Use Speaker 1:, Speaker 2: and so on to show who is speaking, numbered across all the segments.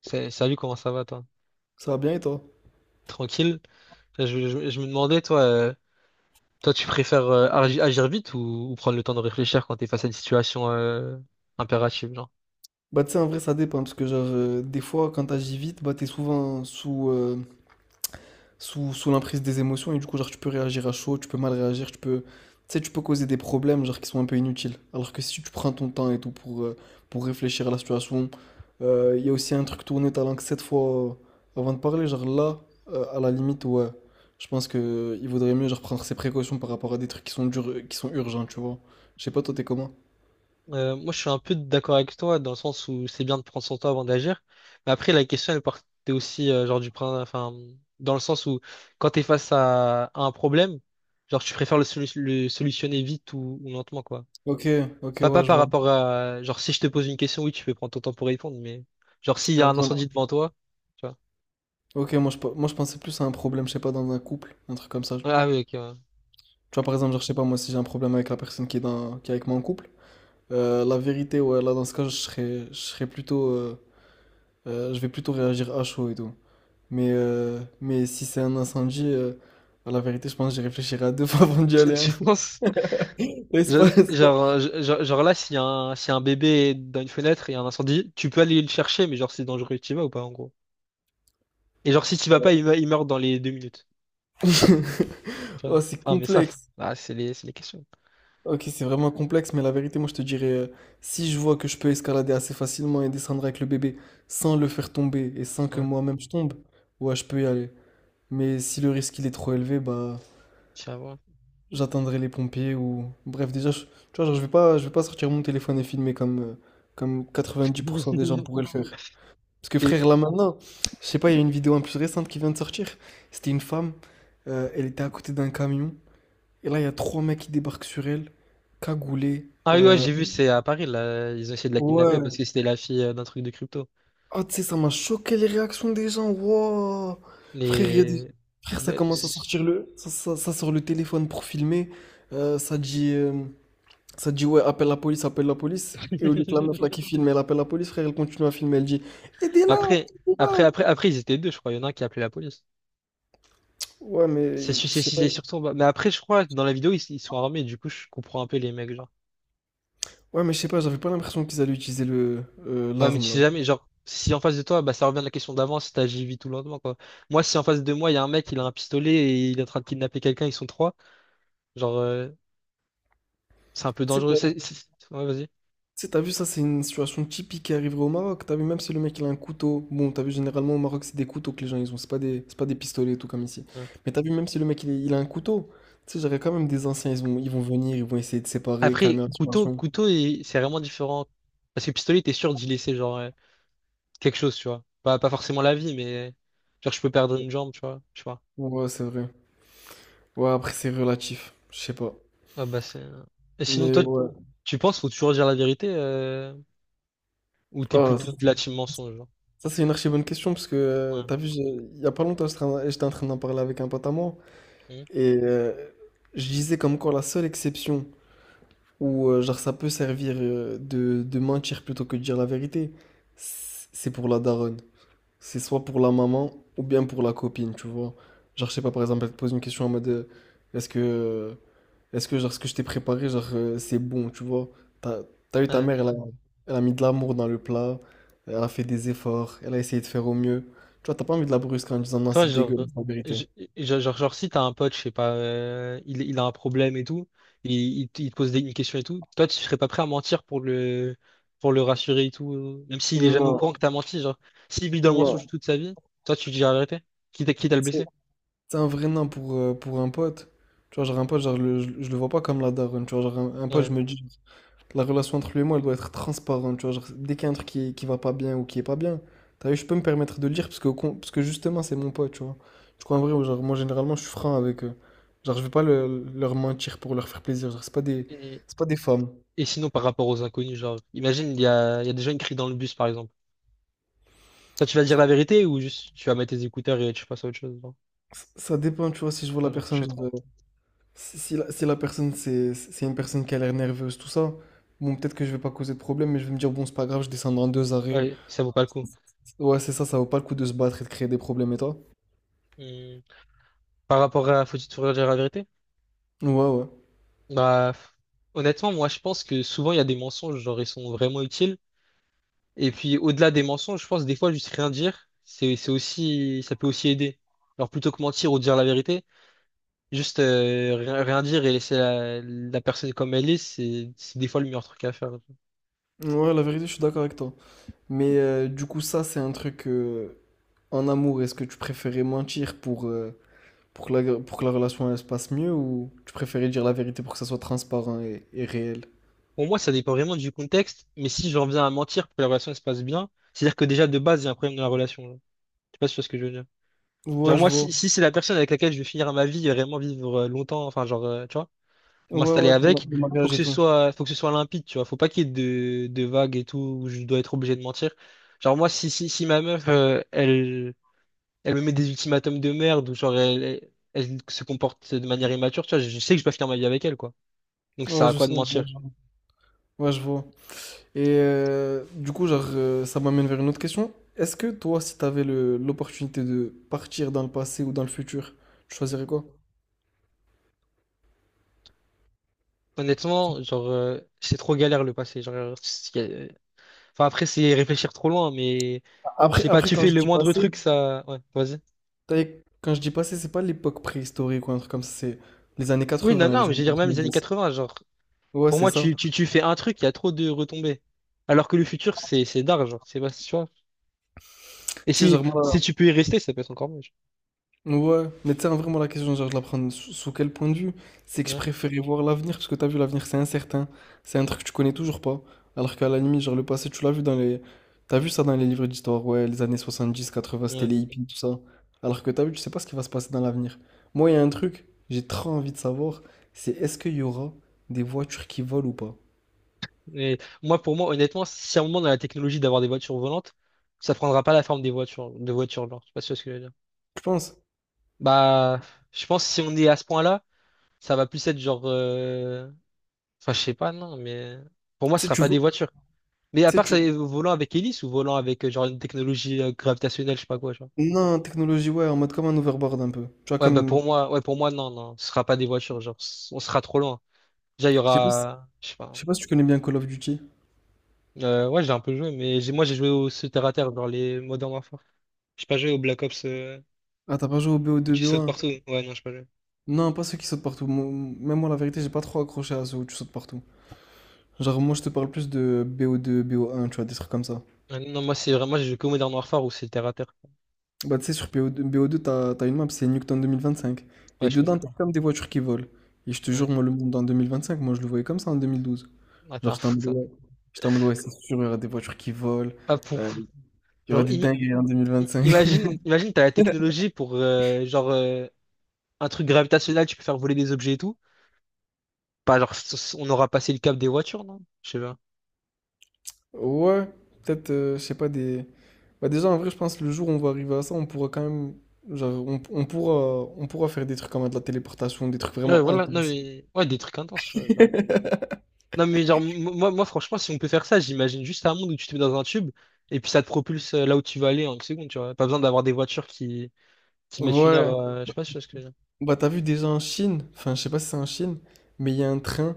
Speaker 1: Salut, comment ça va, toi?
Speaker 2: Ça va bien et toi?
Speaker 1: Tranquille? Je me demandais, toi, tu préfères agir vite ou prendre le temps de réfléchir quand t'es face à une situation impérative, genre?
Speaker 2: Bah tu sais en vrai ça dépend parce que genre des fois quand t'agis vite bah t'es souvent sous l'emprise des émotions et du coup genre tu peux réagir à chaud, tu peux mal réagir, tu sais tu peux causer des problèmes genre qui sont un peu inutiles. Alors que si tu prends ton temps et tout pour réfléchir à la situation, il y a aussi un truc tourner ta langue sept fois avant de parler, genre là à la limite ouais. Je pense que il vaudrait mieux genre prendre ses précautions par rapport à des trucs qui sont durs, qui sont urgents, tu vois. Je sais pas toi t'es comment?
Speaker 1: Moi, je suis un peu d'accord avec toi dans le sens où c'est bien de prendre son temps avant d'agir. Mais après, la question, elle partait aussi genre enfin, dans le sens où quand t'es face à un problème, genre, tu préfères le solutionner vite ou lentement, quoi.
Speaker 2: Ok, ok
Speaker 1: Pas
Speaker 2: ouais je
Speaker 1: par
Speaker 2: vois.
Speaker 1: rapport à. Genre, si je te pose une question, oui, tu peux prendre ton temps pour répondre, mais. Genre, s'il y a
Speaker 2: Par
Speaker 1: un
Speaker 2: exemple,
Speaker 1: incendie devant toi, tu vois.
Speaker 2: ok, moi je pensais plus à un problème, je sais pas, dans un couple, un truc comme ça. Tu
Speaker 1: Ouais. Ah oui, ok. Ouais.
Speaker 2: vois, par exemple, genre, je sais pas, moi si j'ai un problème avec la personne qui est, dans, qui est avec moi en couple, la vérité, ouais, là dans ce cas, je serais plutôt. Je vais plutôt réagir à chaud et tout. Mais si c'est un incendie, à la vérité, je pense que j'y réfléchirais à deux fois avant d'y aller, hein.
Speaker 1: Tu penses?
Speaker 2: Là, il se
Speaker 1: Genre,
Speaker 2: passe-
Speaker 1: genre, genre- genre là, s'il y a un bébé dans une fenêtre et il y a un incendie, tu peux aller le chercher, mais genre, c'est dangereux, tu y vas ou pas, en gros? Et genre, si tu y vas pas, il meurt dans les 2 minutes. Tu vois.
Speaker 2: Oh, c'est
Speaker 1: Ah, mais ça,
Speaker 2: complexe.
Speaker 1: ah, c'est les questions.
Speaker 2: Ok, c'est vraiment complexe, mais la vérité, moi je te dirais, si je vois que je peux escalader assez facilement et descendre avec le bébé sans le faire tomber et sans que
Speaker 1: Ouais,
Speaker 2: moi-même je tombe, ouais, je peux y aller. Mais si le risque il est trop élevé, bah
Speaker 1: tiens, voilà.
Speaker 2: j'attendrai les pompiers ou bref, déjà, tu vois, genre, je vais pas sortir mon téléphone et filmer comme comme 90% des gens pourraient le faire. Parce que
Speaker 1: Et...
Speaker 2: frère, là maintenant, je sais pas, il y a une vidéo un plus récente qui vient de sortir. C'était une femme, elle était à côté d'un camion et là il y a trois mecs qui débarquent sur elle, cagoulés.
Speaker 1: Ah oui, ouais, j'ai vu, c'est à Paris, là. Ils ont essayé de la kidnapper parce
Speaker 2: Ouais.
Speaker 1: que c'était la fille d'un truc de crypto.
Speaker 2: Ah, tu sais, ça m'a choqué les réactions des gens. Wow. Frère, il y a des...
Speaker 1: Les.
Speaker 2: Frère, ça commence à sortir le... Ça sort le téléphone pour filmer. Euh, ça dit... euh, Ça dit, ouais, appelle la police, appelle la police. Et au lieu que la meuf là qui filme, elle appelle la police, frère, elle continue à filmer, elle dit, aidez-la,
Speaker 1: Après, après,
Speaker 2: aidez-la.
Speaker 1: après, après, ils étaient deux, je crois. Il y en a un qui a appelé la police.
Speaker 2: Ouais,
Speaker 1: C'est
Speaker 2: mais
Speaker 1: su-
Speaker 2: je
Speaker 1: c'est-
Speaker 2: sais pas.
Speaker 1: c'est surtout. Bah, mais après, je crois que dans la vidéo, ils sont armés. Du coup, je comprends un peu les mecs, genre.
Speaker 2: Ouais, mais je sais pas, j'avais pas l'impression qu'ils allaient utiliser le
Speaker 1: Ouais, mais tu
Speaker 2: l'arme là.
Speaker 1: sais jamais, genre, si en face de toi, bah, ça revient à la question d'avant, si t'agis vite ou lentement, quoi. Moi, si en face de moi, il y a un mec, il a un pistolet et il est en train de kidnapper quelqu'un, ils sont trois, genre, c'est un peu
Speaker 2: Tu sais,
Speaker 1: dangereux.
Speaker 2: t'as-
Speaker 1: Ouais, vas-y.
Speaker 2: Tu sais, t'as vu, ça, c'est une situation typique qui arriverait au Maroc. T'as vu, même si le mec, il a un couteau. Bon, t'as vu, généralement, au Maroc, c'est des couteaux que les gens, ils ont. C'est pas des pistolets et tout comme ici.
Speaker 1: Ouais.
Speaker 2: Mais t'as vu, même si le mec, il a un couteau. Tu sais, j'aurais quand même des anciens, ils vont venir, ils vont essayer de séparer,
Speaker 1: Après,
Speaker 2: calmer la
Speaker 1: couteau,
Speaker 2: situation.
Speaker 1: couteau, c'est vraiment différent. Parce que pistolet, t'es sûr d'y laisser, genre, quelque chose, tu vois. Pas forcément la vie, mais. Genre, je peux perdre une jambe, tu vois. Je sais pas.
Speaker 2: Ouais, c'est vrai. Ouais, après, c'est relatif. Je sais pas.
Speaker 1: Ah bah c'est Et sinon, toi,
Speaker 2: Mais ouais.
Speaker 1: tu penses faut toujours dire la vérité ou t'es
Speaker 2: Ah,
Speaker 1: plutôt de la team mensonge, genre?
Speaker 2: c'est une archi bonne question, parce que,
Speaker 1: Ouais.
Speaker 2: t'as vu, il y a pas longtemps, j'étais en train d'en parler avec un pote à moi.
Speaker 1: Mhm.
Speaker 2: Et je disais comme quoi la seule exception. Ou genre ça peut servir de, mentir plutôt que de dire la vérité. C'est pour la daronne. C'est soit pour la maman ou bien pour la copine, tu vois. Genre je sais pas, par exemple, elle te pose une question en mode est-ce que genre ce que je t'ai préparé, genre c'est bon, tu vois. T'as, t'as eu ta
Speaker 1: Ouais,
Speaker 2: mère,
Speaker 1: ouais.
Speaker 2: elle a mis de l'amour dans le plat, elle a fait des efforts, elle a essayé de faire au mieux. Tu vois, t'as pas envie de la brusquer en disant non,
Speaker 1: Toi,
Speaker 2: c'est
Speaker 1: genre,
Speaker 2: dégueulasse la vérité.
Speaker 1: je- genre, si t'as un pote, je sais pas, il a un problème et tout, et il te pose une question et tout, toi, tu serais pas prêt à mentir pour le rassurer et tout, même s'il est jamais au
Speaker 2: Non,
Speaker 1: courant que t'as menti, genre, s'il vit dans le mensonge
Speaker 2: non.
Speaker 1: toute sa vie, toi, tu dis la vérité, quitte à le
Speaker 2: C'est
Speaker 1: blesser.
Speaker 2: C'est un vrai nain pour un pote. Tu vois, genre un pote, genre, je le vois pas comme la daronne. Tu vois, genre un pote,
Speaker 1: Ouais.
Speaker 2: je me dis, la relation entre lui et moi, elle doit être transparente. Tu vois, genre, dès qu'il y a un truc qui va pas bien ou qui est pas bien, t'as vu, je peux me permettre de le dire parce que, parce que justement, c'est mon pote, tu vois. Du coup, en vrai, genre, moi, généralement, je suis franc avec eux. Genre, je vais pas leur mentir pour leur faire plaisir. Genre,
Speaker 1: Et,
Speaker 2: c'est pas des femmes.
Speaker 1: Et sinon, par rapport aux inconnus, genre, imagine, il y a des jeunes qui crient dans le bus, par exemple. Toi, tu vas dire
Speaker 2: Ça,
Speaker 1: la vérité ou juste tu vas mettre tes écouteurs et tu passes à autre chose, genre.
Speaker 2: ça dépend, tu vois, si je vois
Speaker 1: Ah,
Speaker 2: la
Speaker 1: je
Speaker 2: personne,
Speaker 1: sais trop.
Speaker 2: genre, si la personne, c'est une personne qui a l'air nerveuse, tout ça, bon, peut-être que je vais pas causer de problème, mais je vais me dire, bon, c'est pas grave, je descends dans deux arrêts.
Speaker 1: Ouais, ça vaut pas le coup.
Speaker 2: Ouais, c'est ça, ça vaut pas le coup de se battre et de créer des problèmes, et toi?
Speaker 1: Hmm. Par rapport à faut-il toujours dire la vérité?
Speaker 2: Ouais, ouais.
Speaker 1: Bah, honnêtement, moi, je pense que souvent, il y a des mensonges, genre, ils sont vraiment utiles. Et puis, au-delà des mensonges, je pense, des fois, juste rien dire, c'est aussi, ça peut aussi aider. Alors, plutôt que mentir ou dire la vérité, juste rien dire et laisser la personne comme elle est, c'est des fois le meilleur truc à faire.
Speaker 2: Ouais, la vérité, je suis d'accord avec toi. Mais du coup, ça, c'est un truc en amour. Est-ce que tu préférais mentir pour que la, relation elle se passe mieux ou tu préférais dire la vérité pour que ça soit transparent et réel?
Speaker 1: Pour moi, ça dépend vraiment du contexte, mais si j'en viens à mentir pour que la relation elle se passe bien, c'est-à-dire que déjà de base, il y a un problème dans la relation là. Je sais pas si tu vois ce que je veux dire.
Speaker 2: Ouais,
Speaker 1: Genre
Speaker 2: je
Speaker 1: moi,
Speaker 2: vois.
Speaker 1: si c'est la personne avec laquelle je vais finir ma vie et vraiment vivre longtemps, enfin genre, tu vois,
Speaker 2: Ouais,
Speaker 1: m'installer
Speaker 2: ouais,
Speaker 1: avec,
Speaker 2: le
Speaker 1: faut
Speaker 2: mariage
Speaker 1: que
Speaker 2: et
Speaker 1: ce
Speaker 2: tout.
Speaker 1: soit, faut que ce soit limpide, tu vois. Faut pas qu'il y ait de vagues et tout où je dois être obligé de mentir. Genre moi, si ma meuf, elle me met des ultimatums de merde ou genre elle se comporte de manière immature, tu vois, je sais que je dois finir ma vie avec elle, quoi. Donc ça sert
Speaker 2: Ouais,
Speaker 1: à
Speaker 2: je
Speaker 1: quoi
Speaker 2: sais.
Speaker 1: de
Speaker 2: Ouais,
Speaker 1: mentir?
Speaker 2: je ouais, je vois. Et du coup, genre, ça m'amène vers une autre question. Est-ce que toi, si tu avais l'opportunité de partir dans le passé ou dans le futur, tu
Speaker 1: Mm.
Speaker 2: choisirais quoi?
Speaker 1: Honnêtement, genre, c'est trop galère le passé. Genre, enfin, après, c'est réfléchir trop loin, mais je
Speaker 2: Après,
Speaker 1: sais pas, tu
Speaker 2: quand
Speaker 1: fais
Speaker 2: je
Speaker 1: le
Speaker 2: dis
Speaker 1: moindre
Speaker 2: passé,
Speaker 1: truc, ça. Ouais, vas-y.
Speaker 2: t'as- c'est pas l'époque préhistorique ou un truc comme ça, c'est les années
Speaker 1: Oui, non,
Speaker 2: quatre-vingts
Speaker 1: non,
Speaker 2: les
Speaker 1: mais je
Speaker 2: années
Speaker 1: veux dire, même les années
Speaker 2: quatre-vingt-dix
Speaker 1: quatre-vingts genre,
Speaker 2: Ouais,
Speaker 1: pour
Speaker 2: c'est
Speaker 1: moi,
Speaker 2: ça.
Speaker 1: tu fais un truc, il y a trop de retombées. Alors que le futur, c'est d'art, genre, c'est pas, tu vois.
Speaker 2: Tu
Speaker 1: Et
Speaker 2: sais,
Speaker 1: si,
Speaker 2: genre, moi.
Speaker 1: si tu peux y rester, ça peut être encore mieux.
Speaker 2: Ouais, mais tu sais, hein, vraiment, la question, genre, je la prends sous quel point de vue? C'est que je
Speaker 1: Genre.
Speaker 2: préférais voir l'avenir, parce que t'as vu, l'avenir, c'est incertain. C'est un truc que tu connais toujours pas. Alors qu'à la limite, genre, le passé, tu l'as vu dans les. T'as vu ça dans les livres d'histoire, ouais, les années 70, 80, c'était
Speaker 1: Ouais.
Speaker 2: les hippies, tout ça. Alors que t'as vu, tu sais pas ce qui va se passer dans l'avenir. Moi, il y a un truc, j'ai trop envie de savoir, c'est est-ce qu'il y aura des voitures qui volent ou pas?
Speaker 1: Mais moi, pour moi, honnêtement, si à un moment on a la technologie d'avoir des voitures volantes, ça prendra pas la forme des voitures, de voitures, genre. Je sais pas si tu vois ce que je veux dire.
Speaker 2: Je pense.
Speaker 1: Bah, je pense que si on est à ce point-là, ça va plus être genre, enfin, je sais pas, non, mais pour moi, ce
Speaker 2: Tu sais,
Speaker 1: sera
Speaker 2: tu
Speaker 1: pas
Speaker 2: vois.
Speaker 1: des voitures. Mais à
Speaker 2: Tu sais,
Speaker 1: part ça,
Speaker 2: tu.
Speaker 1: volant avec hélice ou volant avec genre une technologie gravitationnelle, je sais pas quoi, genre.
Speaker 2: Non, technologie, ouais, en mode comme un overboard un peu. Tu vois,
Speaker 1: Ouais, bah
Speaker 2: comme.
Speaker 1: pour moi, ouais, pour moi, non, non, ce sera pas des voitures, genre, on sera trop loin. Déjà, il y
Speaker 2: Je sais pas si
Speaker 1: aura, je sais pas.
Speaker 2: je sais pas si tu connais bien Call of Duty.
Speaker 1: Ouais, j'ai un peu joué, mais moi, j'ai joué au ce terre à terre dans les Modern Warfare. J'ai pas joué au Black Ops.
Speaker 2: Ah, t'as pas joué au
Speaker 1: Où
Speaker 2: BO2,
Speaker 1: tu sautes
Speaker 2: BO1?
Speaker 1: partout. Ouais, non, je sais pas jouer.
Speaker 2: Non, pas ceux qui sautent partout. Même moi, la vérité, j'ai pas trop accroché à ceux où tu sautes partout. Genre, moi, je te parle plus de BO2, BO1, tu vois, des trucs comme ça.
Speaker 1: Ah non, moi, c'est vraiment, j'ai joué que au Modern Warfare où c'est terre à terre.
Speaker 2: Bah, tu sais, sur BO2, t'as une map, c'est Nuketown 2025. Et
Speaker 1: Ouais, je
Speaker 2: dedans,
Speaker 1: connais.
Speaker 2: t'as comme des voitures qui volent. Et je te
Speaker 1: Ouais.
Speaker 2: jure, moi, le monde en 2025, moi, je le voyais comme ça en 2012.
Speaker 1: Ah, t'es
Speaker 2: Genre,
Speaker 1: un
Speaker 2: j'étais en
Speaker 1: fou,
Speaker 2: mode,
Speaker 1: ça.
Speaker 2: ouais, j'étais en mode, ouais, c'est sûr, il y aura des voitures qui volent.
Speaker 1: Ah, pour...
Speaker 2: euh, il y aura
Speaker 1: Genre,
Speaker 2: des
Speaker 1: im-
Speaker 2: dingueries en
Speaker 1: i-
Speaker 2: 2025.
Speaker 1: imagine, imagine, t'as la technologie pour, genre, un truc gravitationnel, tu peux faire voler des objets et tout. Pas, genre, on aura passé le cap des voitures, non? Je sais pas.
Speaker 2: Ouais, peut-être, je sais pas, des... Bah déjà, en vrai, je pense que le jour où on va arriver à ça, on pourra quand même... Genre, on pourra faire des trucs comme de la téléportation, des trucs
Speaker 1: Ouais,
Speaker 2: vraiment
Speaker 1: voilà, non,
Speaker 2: intenses.
Speaker 1: mais... Ouais, des trucs intenses, je sais pas. Non, mais genre, moi, franchement, si on peut faire ça, j'imagine juste un monde où tu te mets dans un tube et puis ça te propulse là où tu vas aller en 1 seconde, tu vois. Pas besoin d'avoir des voitures qui mettent 1 heure,
Speaker 2: Ouais.
Speaker 1: je sais pas, si tu vois ce que je veux dire.
Speaker 2: Bah t'as vu déjà en Chine, enfin je sais pas si c'est en Chine, mais il y a un train,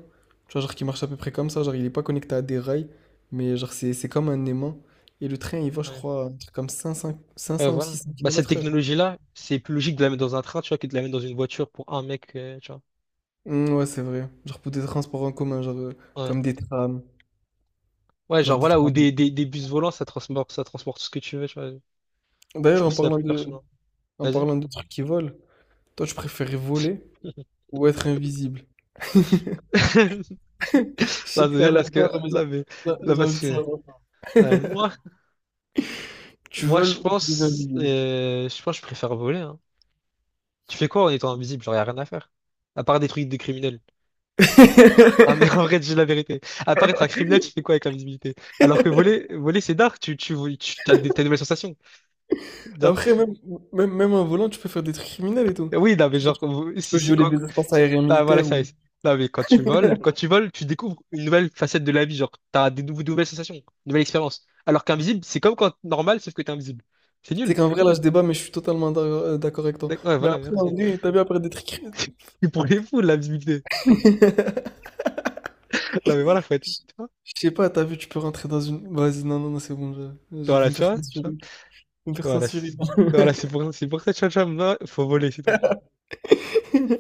Speaker 2: tu vois, genre qui marche à peu près comme ça, genre il est pas connecté à des rails, mais genre c'est comme un aimant. Et le train, il va, je
Speaker 1: Ouais.
Speaker 2: crois, un truc comme cinq
Speaker 1: Ouais,
Speaker 2: cents ou
Speaker 1: voilà.
Speaker 2: 600
Speaker 1: Bah, cette
Speaker 2: km heure.
Speaker 1: technologie-là, c'est plus logique de la mettre dans un train, tu vois, que de la mettre dans une voiture pour un mec, tu vois.
Speaker 2: Mm, ouais, c'est vrai. Genre pour des transports en commun, genre
Speaker 1: Ouais.
Speaker 2: comme des trams.
Speaker 1: Ouais, genre
Speaker 2: Genre des
Speaker 1: voilà, ou
Speaker 2: trams.
Speaker 1: des bus volants, ça transporte tout ce que tu veux, tu vois. Je
Speaker 2: D'ailleurs,
Speaker 1: trouve
Speaker 2: en
Speaker 1: ça
Speaker 2: parlant
Speaker 1: plus
Speaker 2: de,
Speaker 1: pertinent. Vas-y.
Speaker 2: Trucs qui volent, toi, tu préférais voler ou être invisible? Je sais
Speaker 1: Là,
Speaker 2: que
Speaker 1: de
Speaker 2: t'es à
Speaker 1: dire
Speaker 2: la
Speaker 1: parce
Speaker 2: fin,
Speaker 1: que,
Speaker 2: mais j'ai
Speaker 1: là, mais, là,
Speaker 2: j'ai envie
Speaker 1: parce
Speaker 2: de
Speaker 1: que,
Speaker 2: savoir.
Speaker 1: euh, moi,
Speaker 2: Tu
Speaker 1: moi,
Speaker 2: voles
Speaker 1: je
Speaker 2: ou tu deviens
Speaker 1: pense,
Speaker 2: invisible?
Speaker 1: euh, je pense que je préfère voler, hein. Tu fais quoi en étant invisible? Genre, y a rien à faire. À part des trucs de criminels. Ah, mais en vrai, j'ai la vérité. À apparaître un criminel, tu fais quoi avec l'invisibilité? Alors que voler, voler, c'est dark, t'as des nouvelles sensations.
Speaker 2: Après, même en volant, tu peux faire des trucs criminels et tout.
Speaker 1: Oui, non, mais genre, vous-
Speaker 2: Tu
Speaker 1: si,
Speaker 2: peux
Speaker 1: si,
Speaker 2: violer
Speaker 1: quand,
Speaker 2: des espaces aériens
Speaker 1: ah, voilà,
Speaker 2: militaires
Speaker 1: ça,
Speaker 2: ou...
Speaker 1: c'est- non, mais quand tu voles, tu découvres une nouvelle facette de la vie, genre, t'as des nouvelles sensations, une nouvelle expérience. Alors qu'invisible, c'est comme quand normal, sauf que t'es invisible. C'est
Speaker 2: Tu sais
Speaker 1: nul.
Speaker 2: qu'en vrai, là, je débat, mais je suis totalement d'accord avec toi.
Speaker 1: Ouais,
Speaker 2: Mais
Speaker 1: voilà,
Speaker 2: après, en
Speaker 1: merci.
Speaker 2: vrai, t'as vu, après des trucs... criminels,
Speaker 1: C'est pour les fous, de l'invisibilité. Non, mais voilà, faut être, vois,
Speaker 2: je sais pas, t'as vu, tu peux rentrer dans une... Vas-y, non, non, non, c'est bon, je vais
Speaker 1: voilà,
Speaker 2: me faire
Speaker 1: tu
Speaker 2: censurer.
Speaker 1: vois,
Speaker 2: Je vais me faire
Speaker 1: voilà,
Speaker 2: censurer.
Speaker 1: voilà, c'est pour ça, tu vois, moi, faut voler, c'est tout.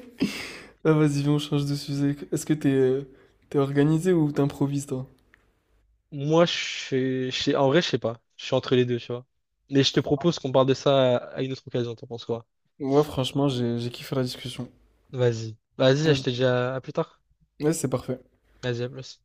Speaker 2: Ah, vas-y, viens, on change de sujet. Est-ce que t'es organisé ou t'improvises, toi?
Speaker 1: Moi, je suis, je sais- en vrai, je sais pas, je suis entre les deux, tu vois. Mais je te propose qu'on parle de ça à une autre occasion, t'en penses quoi?
Speaker 2: Moi, franchement, j'ai kiffé la discussion.
Speaker 1: Vas-y. Vas-y, je
Speaker 2: Vas-y.
Speaker 1: te dis à plus tard.
Speaker 2: Ouais, c'est parfait.
Speaker 1: Vas-y, à plus.